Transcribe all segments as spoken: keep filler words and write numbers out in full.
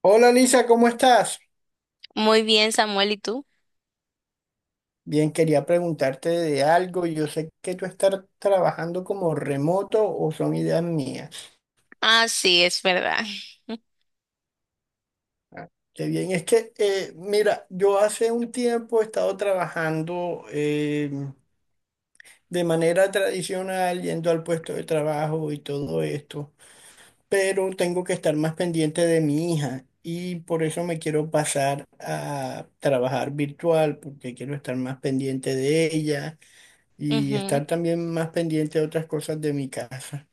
Hola Lisa, ¿cómo estás? Muy bien, Samuel, ¿y tú? Bien, quería preguntarte de algo. Yo sé que tú estás trabajando como remoto o son ideas mías. Ah, sí, es verdad. Ah, qué bien, es que, eh, mira, yo hace un tiempo he estado trabajando eh, de manera tradicional, yendo al puesto de trabajo y todo esto, pero tengo que estar más pendiente de mi hija y por eso me quiero pasar a trabajar virtual, porque quiero estar más pendiente de ella y Ujú. estar también más pendiente de otras cosas de mi casa.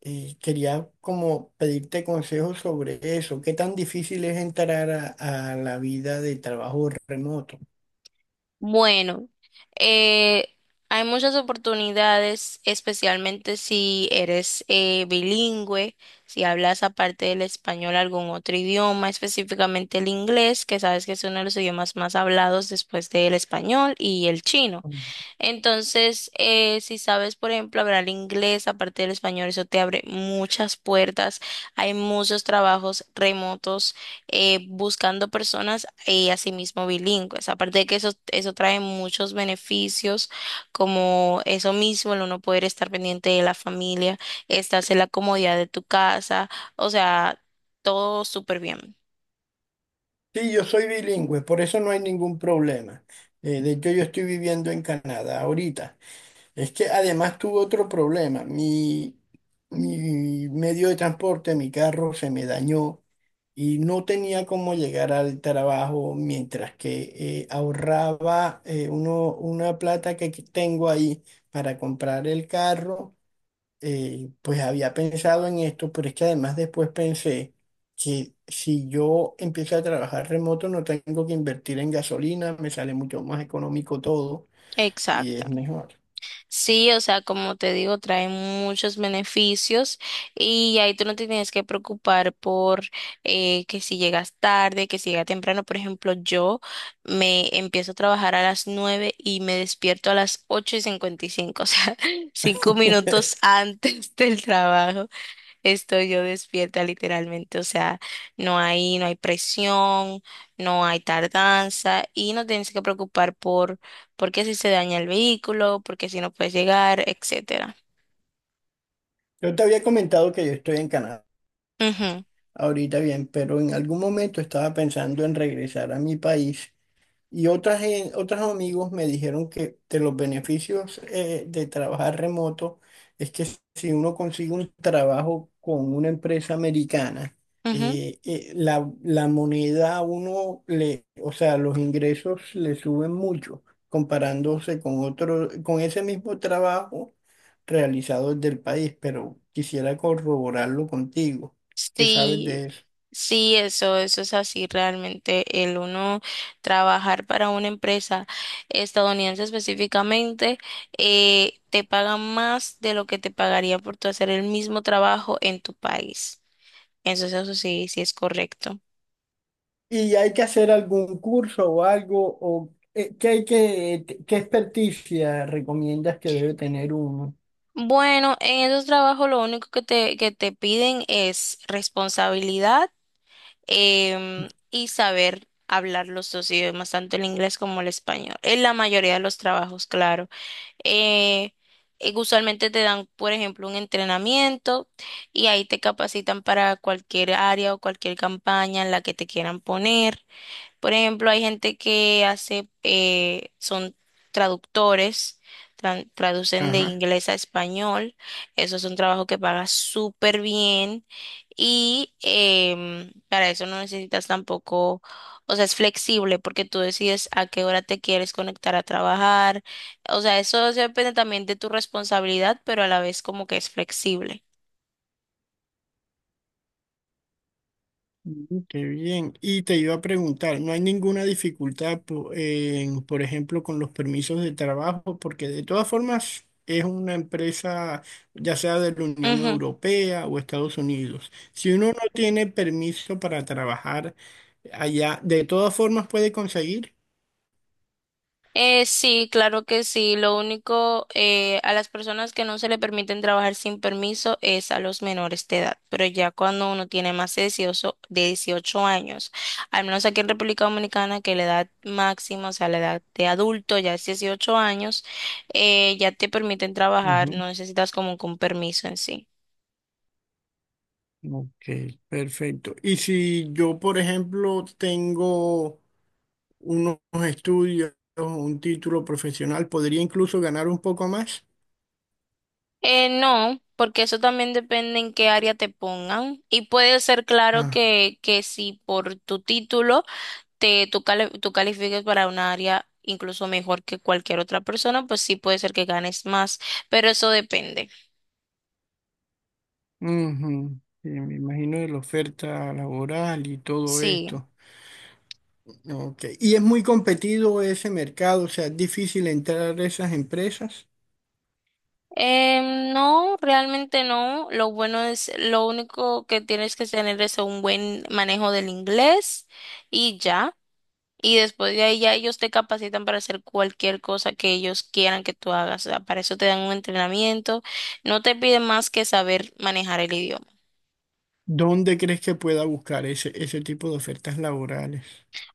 Y quería como pedirte consejos sobre eso. ¿Qué tan difícil es entrar a, a la vida de trabajo remoto? Bueno, eh, hay muchas oportunidades, especialmente si eres eh, bilingüe, si hablas aparte del español algún otro idioma, específicamente el inglés, que sabes que es uno de los idiomas más hablados después del español y el chino. Entonces, eh, si sabes, por ejemplo, hablar inglés aparte del español, eso te abre muchas puertas. Hay muchos trabajos remotos eh, buscando personas y asimismo bilingües. Aparte de que eso, eso trae muchos beneficios, como eso mismo, el uno poder estar pendiente de la familia, estás en la comodidad de tu casa, o sea, todo súper bien. Sí, yo soy bilingüe, por eso no hay ningún problema. Eh, de hecho, yo estoy viviendo en Canadá ahorita. Es que además tuve otro problema. Mi, mi medio de transporte, mi carro, se me dañó y no tenía cómo llegar al trabajo mientras que eh, ahorraba eh, uno, una plata que aquí tengo ahí para comprar el carro. Eh, pues había pensado en esto, pero es que además después pensé que si yo empiezo a trabajar remoto no tengo que invertir en gasolina, me sale mucho más económico todo y es Exacto. mejor. Sí, o sea, como te digo, trae muchos beneficios y ahí tú no te tienes que preocupar por eh, que si llegas tarde, que si llegas temprano. Por ejemplo, yo me empiezo a trabajar a las nueve y me despierto a las ocho y cincuenta y cinco, o sea, cinco minutos antes del trabajo. Estoy yo despierta literalmente, o sea, no hay, no hay presión, no hay tardanza y no tienes que preocupar por, por qué si se daña el vehículo, por qué si no puedes llegar, etcétera. Yo te había comentado que yo estoy en Canadá ahorita bien, pero en algún momento estaba pensando en regresar a mi país. Y otras, gen- otros amigos me dijeron que de los beneficios eh, de trabajar remoto es que si uno consigue un trabajo con una empresa americana, Ujú, ujú. eh, eh, la, la moneda a uno le, o sea, los ingresos le suben mucho comparándose con otro, con ese mismo trabajo realizado desde el país, pero quisiera corroborarlo contigo. ¿Qué sabes Sí, de eso? sí, eso, eso es así realmente. El uno trabajar para una empresa estadounidense específicamente, eh, te pagan más de lo que te pagaría por tu hacer el mismo trabajo en tu país. Entonces eso sí, sí es correcto. ¿Y hay que hacer algún curso o algo? O, eh, ¿qué hay que, qué experticia recomiendas que debe tener uno? Bueno, en esos trabajos lo único que te, que te piden es responsabilidad em, y saber hablar los dos idiomas, tanto el inglés como el español. En la mayoría de los trabajos, claro. Eh, eh, usualmente te dan, por ejemplo, un entrenamiento y ahí te capacitan para cualquier área o cualquier campaña en la que te quieran poner. Por ejemplo, hay gente que hace, eh, son traductores, tran- traducen de Ajá. inglés a español. Eso es un trabajo que paga súper bien y em, para eso no necesitas tampoco, o sea, es flexible porque tú decides a qué hora te quieres conectar a trabajar. O sea, eso depende también de tu responsabilidad, pero a la vez como que es flexible. Mm, qué bien. Y te iba a preguntar, ¿no hay ninguna dificultad, po- en, por ejemplo, con los permisos de trabajo? Porque de todas formas es una empresa, ya sea de la Unión Europea o Estados Unidos. Si uno no tiene permiso para trabajar allá, de todas formas puede conseguir. Eh, sí, claro que sí. Lo único, eh, a las personas que no se le permiten trabajar sin permiso es a los menores de edad. Pero ya cuando uno tiene más de dieciocho, de dieciocho años, al menos aquí en República Dominicana, que la edad máxima, o sea, la edad de adulto ya es dieciocho años, eh, ya te permiten trabajar, no necesitas como que un permiso en sí. Ok, perfecto. Y si yo, por ejemplo, tengo unos estudios, un título profesional, ¿podría incluso ganar un poco más? Eh, no, porque eso también depende en qué área te pongan. Y puede ser claro Ah, que, que si por tu título te, tú, cali- tú califiques para un área incluso mejor que cualquier otra persona, pues sí puede ser que ganes más, pero eso depende. ujú. Sí, me imagino de la oferta laboral y todo Sí. esto. Ok. Y es muy competido ese mercado, o sea, es difícil entrar a esas empresas. Em, no, realmente no. Lo bueno es, lo único que tienes que tener es un buen manejo del inglés y ya. Y después de ahí ya ellos te capacitan para hacer cualquier cosa que ellos quieran que tú hagas. O sea, para eso te dan un entrenamiento. No te piden más que saber manejar el idioma. ¿Dónde crees que pueda buscar ese, ese tipo de ofertas laborales?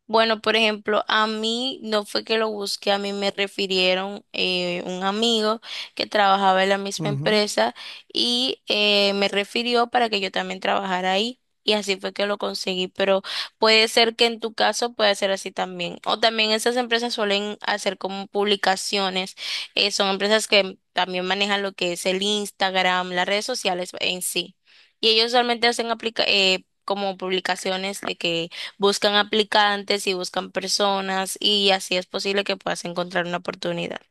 Bueno, por ejemplo, a mí no fue que lo busqué, a mí me refirieron eh, un amigo que trabajaba en la misma Ujú. empresa y eh, me refirió para que yo también trabajara ahí. Y así fue que lo conseguí, pero puede ser que en tu caso pueda ser así también. O también esas empresas suelen hacer como publicaciones. Eh, son empresas que también manejan lo que es el Instagram, las redes sociales en sí. Y ellos solamente hacen aplica eh, como publicaciones de que buscan aplicantes y buscan personas y así es posible que puedas encontrar una oportunidad.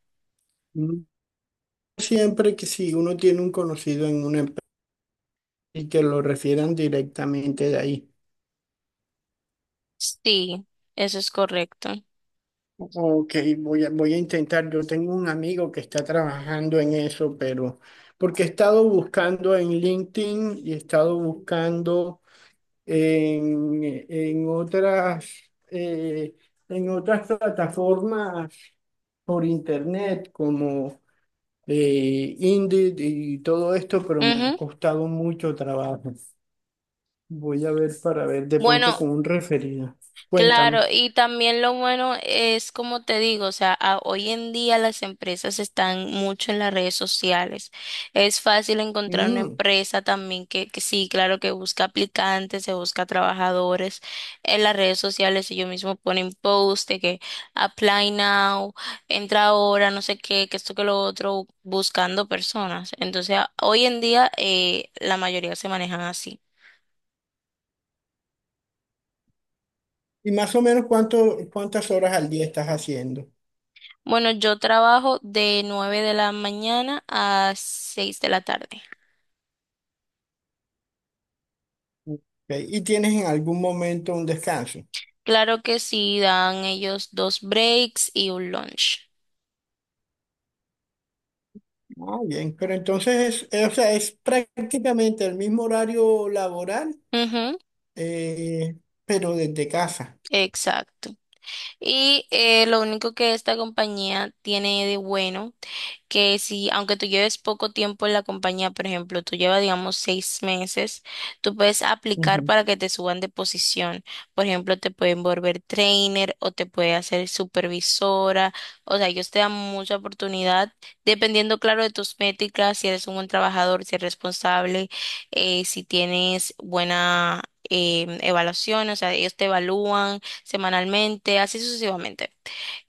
Mm. Siempre que si uno tiene un conocido en una y que lo refieran directamente de ahí. Sí, eso es correcto. Ok, voy a, voy a intentar. Yo tengo un amigo que está trabajando en eso, pero porque he estado buscando en LinkedIn y he estado buscando en, en otras, eh, en otras plataformas por internet como eh, Indeed y todo esto, pero me ha Ujú. costado mucho trabajo. Voy a ver para ver de pronto Bueno. con un referido. Claro, Cuéntame. y también lo bueno es, como te digo, o sea, a- hoy en día las empresas están mucho en las redes sociales. Es fácil encontrar una Mm. empresa también que, que sí, claro, que busca aplicantes, se busca trabajadores en las redes sociales. Ellos mismos ponen post de que apply now, entra ahora, no sé qué, que esto que lo otro, buscando personas. Entonces, a- hoy en día eh, la mayoría se manejan así. Y más o menos cuánto, ¿cuántas horas al día estás haciendo? ¿Ok? Bueno, yo trabajo de nueve de la mañana a seis de la tarde. ¿Y tienes en algún momento un descanso? Claro que sí, dan ellos dos breaks y un lunch. Ah, bien, pero entonces es, eh, o sea, es prácticamente el mismo horario laboral, Ujú, eh, pero desde casa. exacto. Y eh, lo único que esta compañía tiene de bueno que si, aunque tú lleves poco tiempo en la compañía, por ejemplo, tú llevas, digamos, seis meses, tú puedes aplicar para que te suban de posición. Por ejemplo, te pueden volver trainer o te puede hacer supervisora. O sea, ellos te dan mucha oportunidad, dependiendo, claro, de tus métricas, si eres un buen trabajador, si eres responsable, eh, si tienes buena... eh, evaluación, o sea, ellos te evalúan semanalmente, así sucesivamente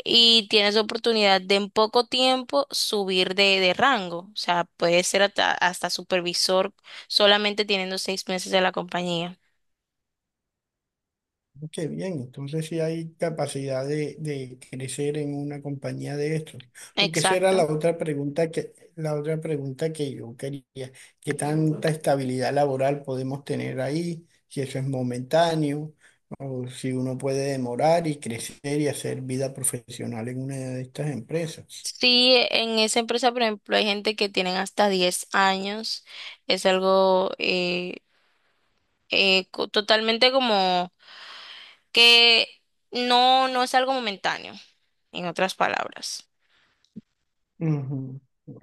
y tienes oportunidad de en poco tiempo subir de, de rango. O sea, puedes ser hasta, hasta supervisor solamente teniendo seis meses de la compañía. Qué bien, entonces sí hay capacidad de, de crecer en una compañía de estos. Porque esa era Exacto. la otra pregunta que, la otra pregunta que yo quería. ¿Qué tanta estabilidad laboral podemos tener ahí? Si eso es momentáneo, o si uno puede demorar y crecer y hacer vida profesional en una de estas empresas. Sí, en esa empresa, por ejemplo, hay gente que tienen hasta diez años. Es algo eh, eh, co- totalmente como que no, no es algo momentáneo, en otras palabras. Ujú.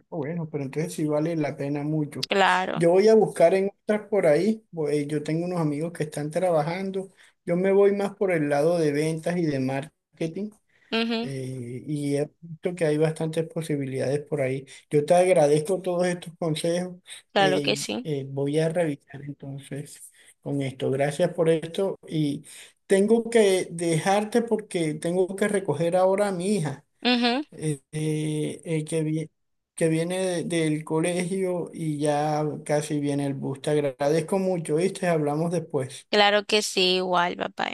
Bueno, pero entonces sí vale la pena mucho. Claro. Yo voy a buscar en otras por ahí. Voy- yo tengo unos amigos que están trabajando. Yo me voy más por el lado de ventas y de marketing. Ujú, eh, Y he visto que hay bastantes posibilidades por ahí. Yo te agradezco todos estos consejos. claro que eh, sí. Eh, voy a revisar entonces con esto. Gracias por esto. Y tengo que dejarte porque tengo que recoger ahora a mi hija Ujú, eh, eh, eh, que, vi- que viene de- del colegio y ya casi viene el bus. Te agradezco mucho, ¿viste? Hablamos después. claro que sí, igual, papá.